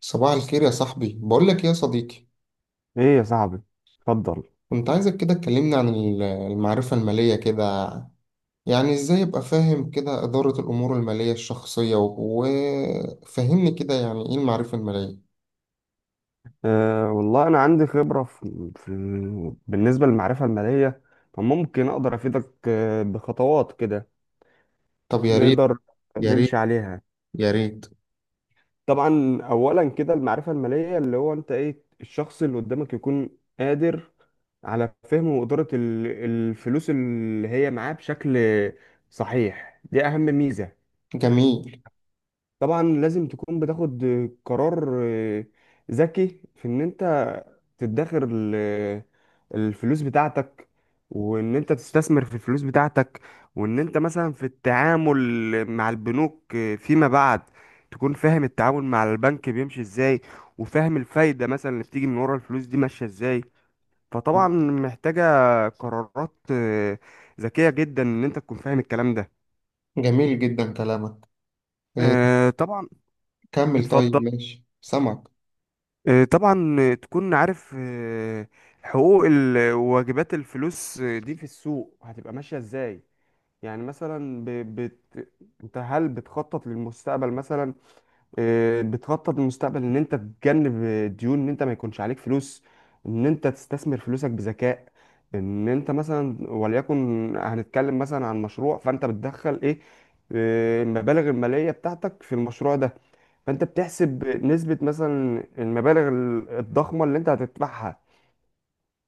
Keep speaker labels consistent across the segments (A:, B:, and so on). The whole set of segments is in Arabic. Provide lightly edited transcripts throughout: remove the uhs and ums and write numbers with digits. A: صباح الخير يا صاحبي، بقول لك إيه يا صديقي.
B: ايه يا صاحبي، اتفضل.
A: كنت عايزك كده تكلمني عن المعرفة المالية كده. يعني ازاي ابقى فاهم كده إدارة الأمور المالية الشخصية وفهمني كده، يعني ايه المعرفة المالية؟
B: أه، والله انا عندي خبره في. بالنسبه للمعرفه الماليه، فممكن اقدر افيدك بخطوات كده
A: طب يا ريت،
B: نقدر
A: يا
B: نمشي
A: ريت،
B: عليها.
A: يا ريت.
B: طبعا، اولا كده المعرفه الماليه اللي هو انت ايه الشخص اللي قدامك يكون قادر على فهم وإدارة الفلوس اللي هي معاه بشكل صحيح. دي أهم ميزة.
A: جميل.
B: طبعا لازم تكون بتاخد قرار ذكي في ان انت تدخر الفلوس بتاعتك، وان انت تستثمر في الفلوس بتاعتك، وان انت مثلا في التعامل مع البنوك فيما بعد تكون فاهم التعامل مع البنك بيمشي ازاي، وفاهم الفايدة مثلا اللي بتيجي من ورا الفلوس دي ماشية ازاي. فطبعا محتاجة قرارات ذكية جدا ان انت تكون فاهم الكلام ده.
A: جميل جدا كلامك. إيه،
B: طبعا.
A: كمل، طيب
B: اتفضل.
A: ماشي سمعك.
B: طبعا، تكون عارف حقوق وواجبات الفلوس دي في السوق هتبقى ماشية ازاي. يعني مثلا انت هل بتخطط للمستقبل مثلا؟ بتخطط للمستقبل ان انت تتجنب ديون، ان انت ما يكونش عليك فلوس، ان انت تستثمر فلوسك بذكاء، ان انت مثلا وليكن هنتكلم مثلا عن مشروع، فانت بتدخل ايه المبالغ المالية بتاعتك في المشروع ده، فانت بتحسب نسبة مثلا المبالغ الضخمة اللي انت هتدفعها،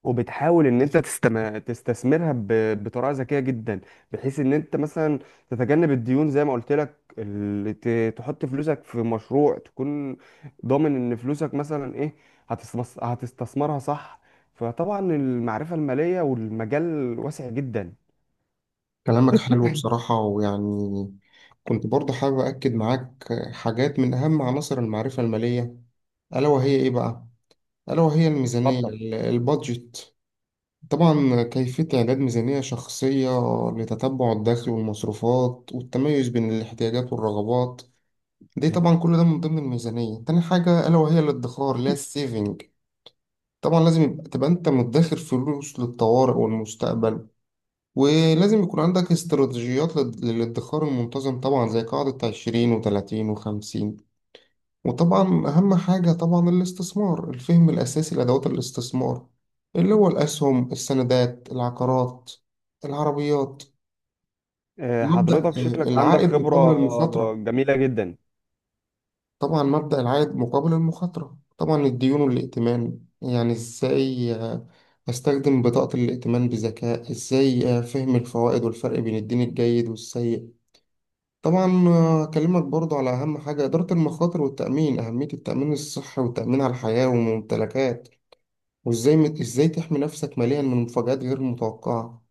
B: وبتحاول ان انت تستثمرها بطريقة ذكية جدا، بحيث ان انت مثلا تتجنب الديون زي ما قلت لك، اللي تحط فلوسك في مشروع تكون ضامن ان فلوسك مثلا ايه هتستثمرها صح. فطبعا المعرفة المالية والمجال واسع جدا.
A: كلامك حلو بصراحة، ويعني كنت برضه حابب أكد معاك حاجات من أهم عناصر المعرفة المالية. ألا وهي إيه بقى؟ ألا وهي الميزانية،
B: اتفضل.
A: البادجت. طبعا كيفية إعداد ميزانية شخصية لتتبع الدخل والمصروفات، والتميز بين الاحتياجات والرغبات. دي طبعا كل ده من ضمن الميزانية. تاني حاجة ألا وهي الادخار، اللي هي السيفنج. طبعا لازم يبقى تبقى أنت مدخر فلوس للطوارئ والمستقبل. ولازم يكون عندك استراتيجيات للادخار المنتظم، طبعا زي قاعدة 20 وتلاتين وخمسين. وطبعا أهم حاجة طبعا الاستثمار، الفهم الأساسي لأدوات الاستثمار اللي هو الأسهم، السندات، العقارات، العربيات. مبدأ
B: حضرتك شكلك عندك
A: العائد مقابل
B: خبرة.
A: المخاطرة.
B: جميلة جدا.
A: طبعا مبدأ العائد مقابل المخاطرة. طبعا الديون والائتمان، يعني إزاي أستخدم بطاقة الائتمان بذكاء، إزاي فهم الفوائد والفرق بين الدين الجيد والسيء. طبعا أكلمك برضو على أهم حاجة، إدارة المخاطر والتأمين، أهمية التأمين الصحي والتأمين على الحياة والممتلكات. وازاي ازاي تحمي نفسك ماليا من مفاجآت غير متوقعة.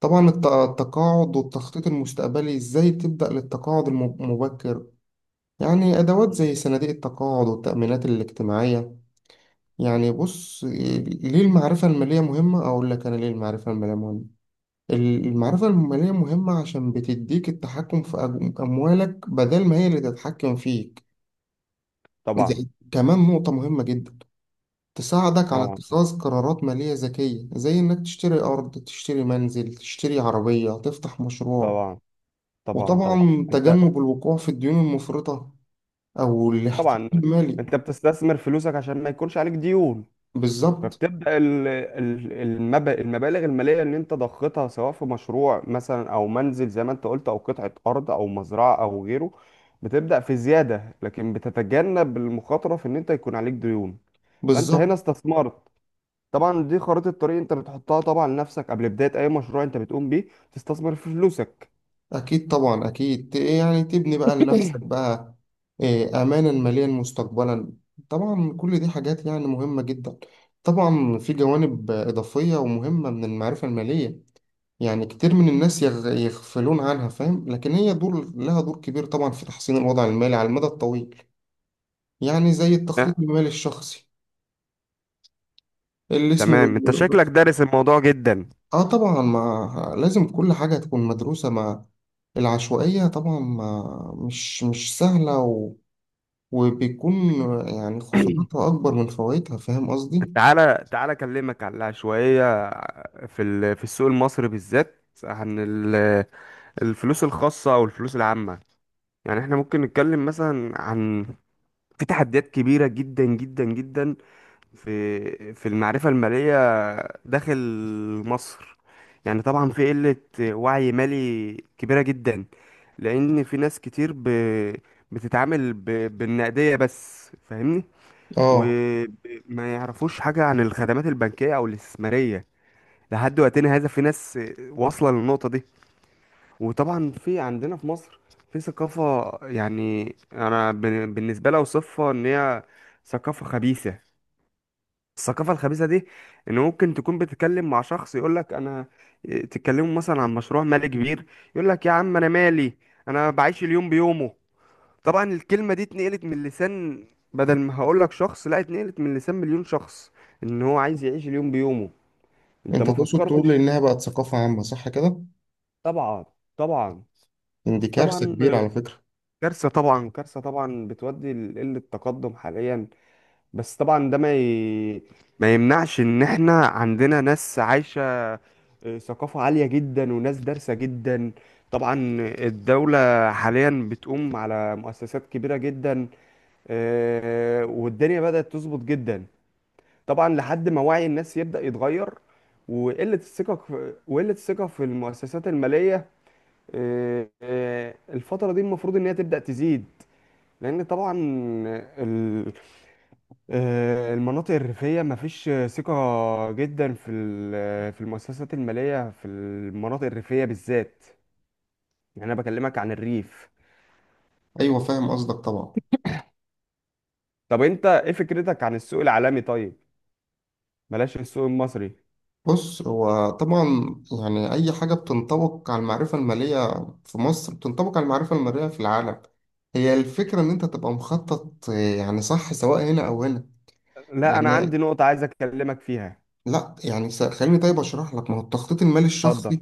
A: طبعا التقاعد والتخطيط المستقبلي، ازاي تبدأ للتقاعد المبكر. يعني ادوات زي صناديق التقاعد والتأمينات الاجتماعية. يعني بص ليه المعرفة المالية مهمة؟ اقول لك انا ليه المعرفة المالية مهمة. المعرفة المالية مهمة عشان بتديك التحكم في اموالك، بدل ما هي اللي تتحكم فيك.
B: طبعا.
A: كمان نقطة مهمة جدا، تساعدك على
B: طبعا.
A: اتخاذ قرارات مالية ذكية، زي إنك تشتري أرض، تشتري منزل، تشتري عربية، تفتح مشروع.
B: طبعا طبعا طبعا.
A: وطبعا
B: انت.
A: تجنب الوقوع في الديون المفرطة أو الاحتيال
B: طبعا،
A: المالي.
B: انت بتستثمر فلوسك عشان ما يكونش عليك ديون،
A: بالظبط.
B: فبتبدا المبالغ الماليه اللي انت ضختها سواء في مشروع مثلا او منزل زي ما انت قلت، او قطعه ارض او مزرعه او غيره، بتبدا في زياده، لكن بتتجنب المخاطره في ان انت يكون عليك ديون. فانت
A: بالظبط.
B: هنا استثمرت. طبعا دي خريطه الطريق انت بتحطها طبعا لنفسك قبل بدايه اي مشروع انت بتقوم بيه تستثمر في فلوسك.
A: أكيد طبعا، أكيد يعني تبني بقى لنفسك بقى أمانا ماليا مستقبلا. طبعا كل دي حاجات يعني مهمة جدا. طبعا في جوانب إضافية ومهمة من المعرفة المالية، يعني كتير من الناس يغفلون عنها، فاهم، لكن هي دور لها دور كبير طبعا في تحسين الوضع المالي على المدى الطويل. يعني زي
B: آه،
A: التخطيط المالي الشخصي اللي اسمه.
B: تمام، انت شكلك دارس الموضوع جدا.
A: اه، طبعا ما لازم كل حاجة تكون مدروسة، مع العشوائية طبعا ما مش سهلة وبيكون يعني خسارتها أكبر من فوائدها، فاهم قصدي؟
B: تعالى تعالى اكلمك على شويه في في السوق المصري بالذات عن الفلوس الخاصه او الفلوس العامه. يعني احنا ممكن نتكلم مثلا عن، في تحديات كبيره جدا جدا جدا في المعرفه الماليه داخل مصر. يعني طبعا في قله وعي مالي كبيره جدا، لان في ناس كتير بتتعامل بالنقديه بس، فاهمني،
A: اه،
B: وما يعرفوش حاجة عن الخدمات البنكية أو الاستثمارية. لحد وقتنا هذا في ناس واصلة للنقطة دي. وطبعا في عندنا في مصر في ثقافة، يعني أنا بالنسبة لي أوصفها إن هي ثقافة خبيثة. الثقافة الخبيثة دي إن ممكن تكون بتتكلم مع شخص يقولك أنا، تتكلموا مثلا عن مشروع مالي كبير، يقولك يا عم أنا مالي، أنا بعيش اليوم بيومه. طبعا الكلمة دي اتنقلت من لسان، بدل ما هقولك شخص، لا، اتنقلت من لسان مليون شخص، ان هو عايز يعيش اليوم بيومه. انت
A: انت
B: ما
A: تقصد تقول
B: فكرتش.
A: انها بقت ثقافة عامة، صح كده؟
B: طبعا. طبعا.
A: إن دي كارثة
B: طبعا
A: كبيرة على فكرة.
B: كارثة، طبعا كارثة، طبعا بتودي لقلة التقدم حاليا. بس طبعا ده ما يمنعش ان احنا عندنا ناس عايشة ثقافة عالية جدا وناس دارسة جدا. طبعا الدولة حاليا بتقوم على مؤسسات كبيرة جدا، والدنيا بدأت تظبط جدا. طبعا لحد ما وعي الناس يبدأ يتغير. وقلة الثقة في، وقلة الثقة في المؤسسات المالية، الفترة دي المفروض إن هي تبدأ تزيد، لأن طبعا ال- المناطق الريفية مفيش ثقة جدا في المؤسسات المالية في المناطق الريفية بالذات. يعني أنا بكلمك عن الريف.
A: ايوه، فاهم قصدك طبعا.
B: طب أنت إيه فكرتك عن السوق العالمي طيب؟ بلاش السوق المصري.
A: بص، هو طبعا يعني أي حاجة بتنطبق على المعرفة المالية في مصر بتنطبق على المعرفة المالية في العالم. هي الفكرة إن أنت تبقى مخطط، يعني صح سواء هنا أو هنا،
B: لا، أنا عندي
A: يعني
B: نقطة عايز أكلمك فيها.
A: لا، يعني خليني طيب أشرح لك ما هو التخطيط المالي
B: اتفضل.
A: الشخصي.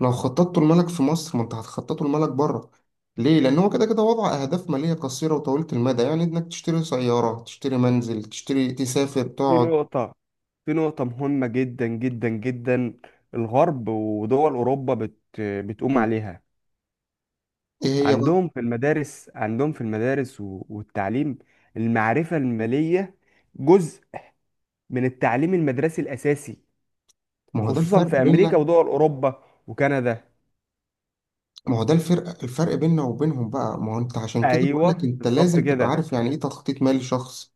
A: لو خططته لمالك في مصر، ما أنت هتخططه لمالك بره. ليه؟ لأن هو كده كده وضع أهداف مالية قصيرة وطويلة المدى، يعني إنك تشتري سيارة، تشتري منزل، تشتري، تسافر،
B: في
A: تقعد.
B: نقطة في نقطة مهمة جدا جدا جدا. الغرب ودول أوروبا بتقوم عليها.
A: إيه هي بقى؟
B: عندهم في المدارس، عندهم في المدارس والتعليم، المعرفة المالية جزء من التعليم المدرسي الأساسي،
A: ما هو ده
B: خصوصا
A: الفرق
B: في أمريكا
A: بيننا.
B: ودول أوروبا وكندا.
A: ما هو ده الفرق بيننا وبينهم بقى، ما هو انت عشان كده بقول لك
B: أيوه
A: انت
B: بالظبط
A: لازم تبقى
B: كده.
A: عارف يعني ايه تخطيط مالي شخص.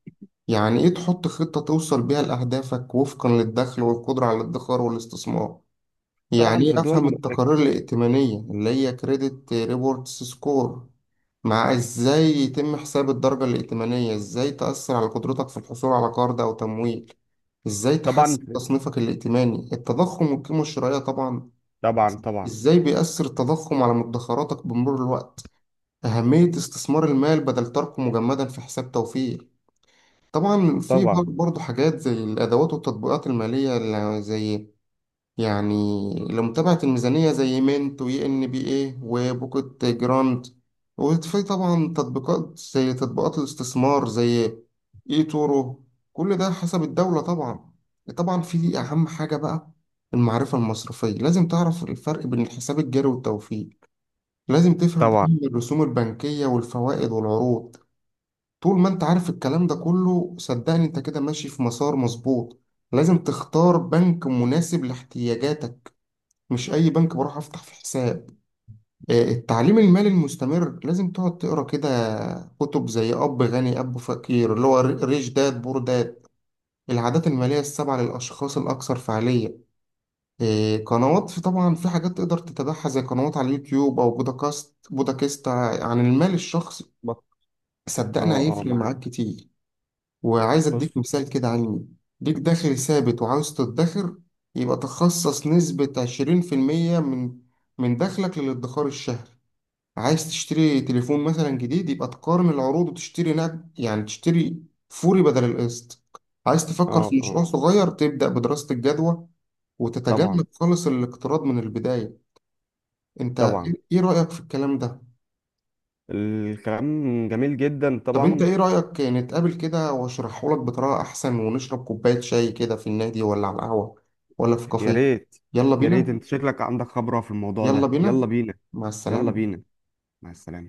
A: يعني ايه تحط خطة توصل بيها لأهدافك، وفقا للدخل والقدرة على الادخار والاستثمار. يعني
B: طبعا في
A: ايه
B: الدول
A: افهم التقارير الائتمانية اللي هي كريدت ريبورتس سكور، مع ازاي يتم حساب الدرجة الائتمانية، ازاي تأثر على قدرتك في الحصول على قرض او تمويل، ازاي
B: طبعا
A: تحسن تصنيفك الائتماني. التضخم والقيمة الشرائية، طبعا
B: طبعا. طبعا
A: ازاي بيأثر التضخم على مدخراتك بمرور الوقت. أهمية استثمار المال بدل تركه مجمدا في حساب توفير. طبعا في
B: طبعا
A: برضه حاجات زي الأدوات والتطبيقات المالية اللي زي يعني لمتابعة الميزانية زي مينت، وي إن بي إيه، وبوكت جراند. وفي طبعا تطبيقات زي تطبيقات الاستثمار زي إي تورو. كل ده حسب الدولة طبعا. طبعا في أهم حاجة بقى المعرفة المصرفية. لازم تعرف الفرق بين الحساب الجاري والتوفير. لازم تفهم
B: طبعا
A: قيمة الرسوم البنكية والفوائد والعروض. طول ما انت عارف الكلام ده كله صدقني انت كده ماشي في مسار مظبوط. لازم تختار بنك مناسب لاحتياجاتك، مش اي بنك بروح افتح في حساب. التعليم المالي المستمر، لازم تقعد تقرا كده كتب زي اب غني اب فقير، اللي هو ريش داد بور داد، العادات المالية السبعة للاشخاص الاكثر فعالية. قنوات، في طبعا في حاجات تقدر تتابعها زي قنوات على اليوتيوب او بودكاست عن المال الشخصي.
B: بط-
A: صدقني
B: اه اه،
A: هيفرق معاك
B: معاك.
A: كتير. وعايز
B: بص.
A: اديك مثال كده علمي. ليك دخل ثابت وعاوز تدخر، يبقى تخصص نسبة 20% من دخلك للادخار الشهري. عايز تشتري تليفون مثلا جديد، يبقى تقارن العروض وتشتري نقد، يعني تشتري فوري بدل القسط. عايز تفكر
B: اه
A: في مشروع
B: اه.
A: صغير، تبدأ بدراسة الجدوى
B: طبعا
A: وتتجنب خالص الاقتراض من البداية. انت ايه
B: طبعا.
A: إيه رأيك في الكلام ده؟
B: الكلام جميل جدا
A: طب انت
B: طبعا.
A: ايه رأيك نتقابل كده واشرحه لك بطريقة احسن، ونشرب كوباية شاي كده في النادي، ولا على القهوة، ولا في
B: يا
A: كافيه؟
B: ريت.
A: يلا
B: يا ريت،
A: بينا،
B: انت شكلك عندك خبرة في الموضوع
A: يلا
B: ده.
A: بينا.
B: يلا بينا.
A: مع
B: يلا
A: السلامة.
B: بينا. مع السلامة.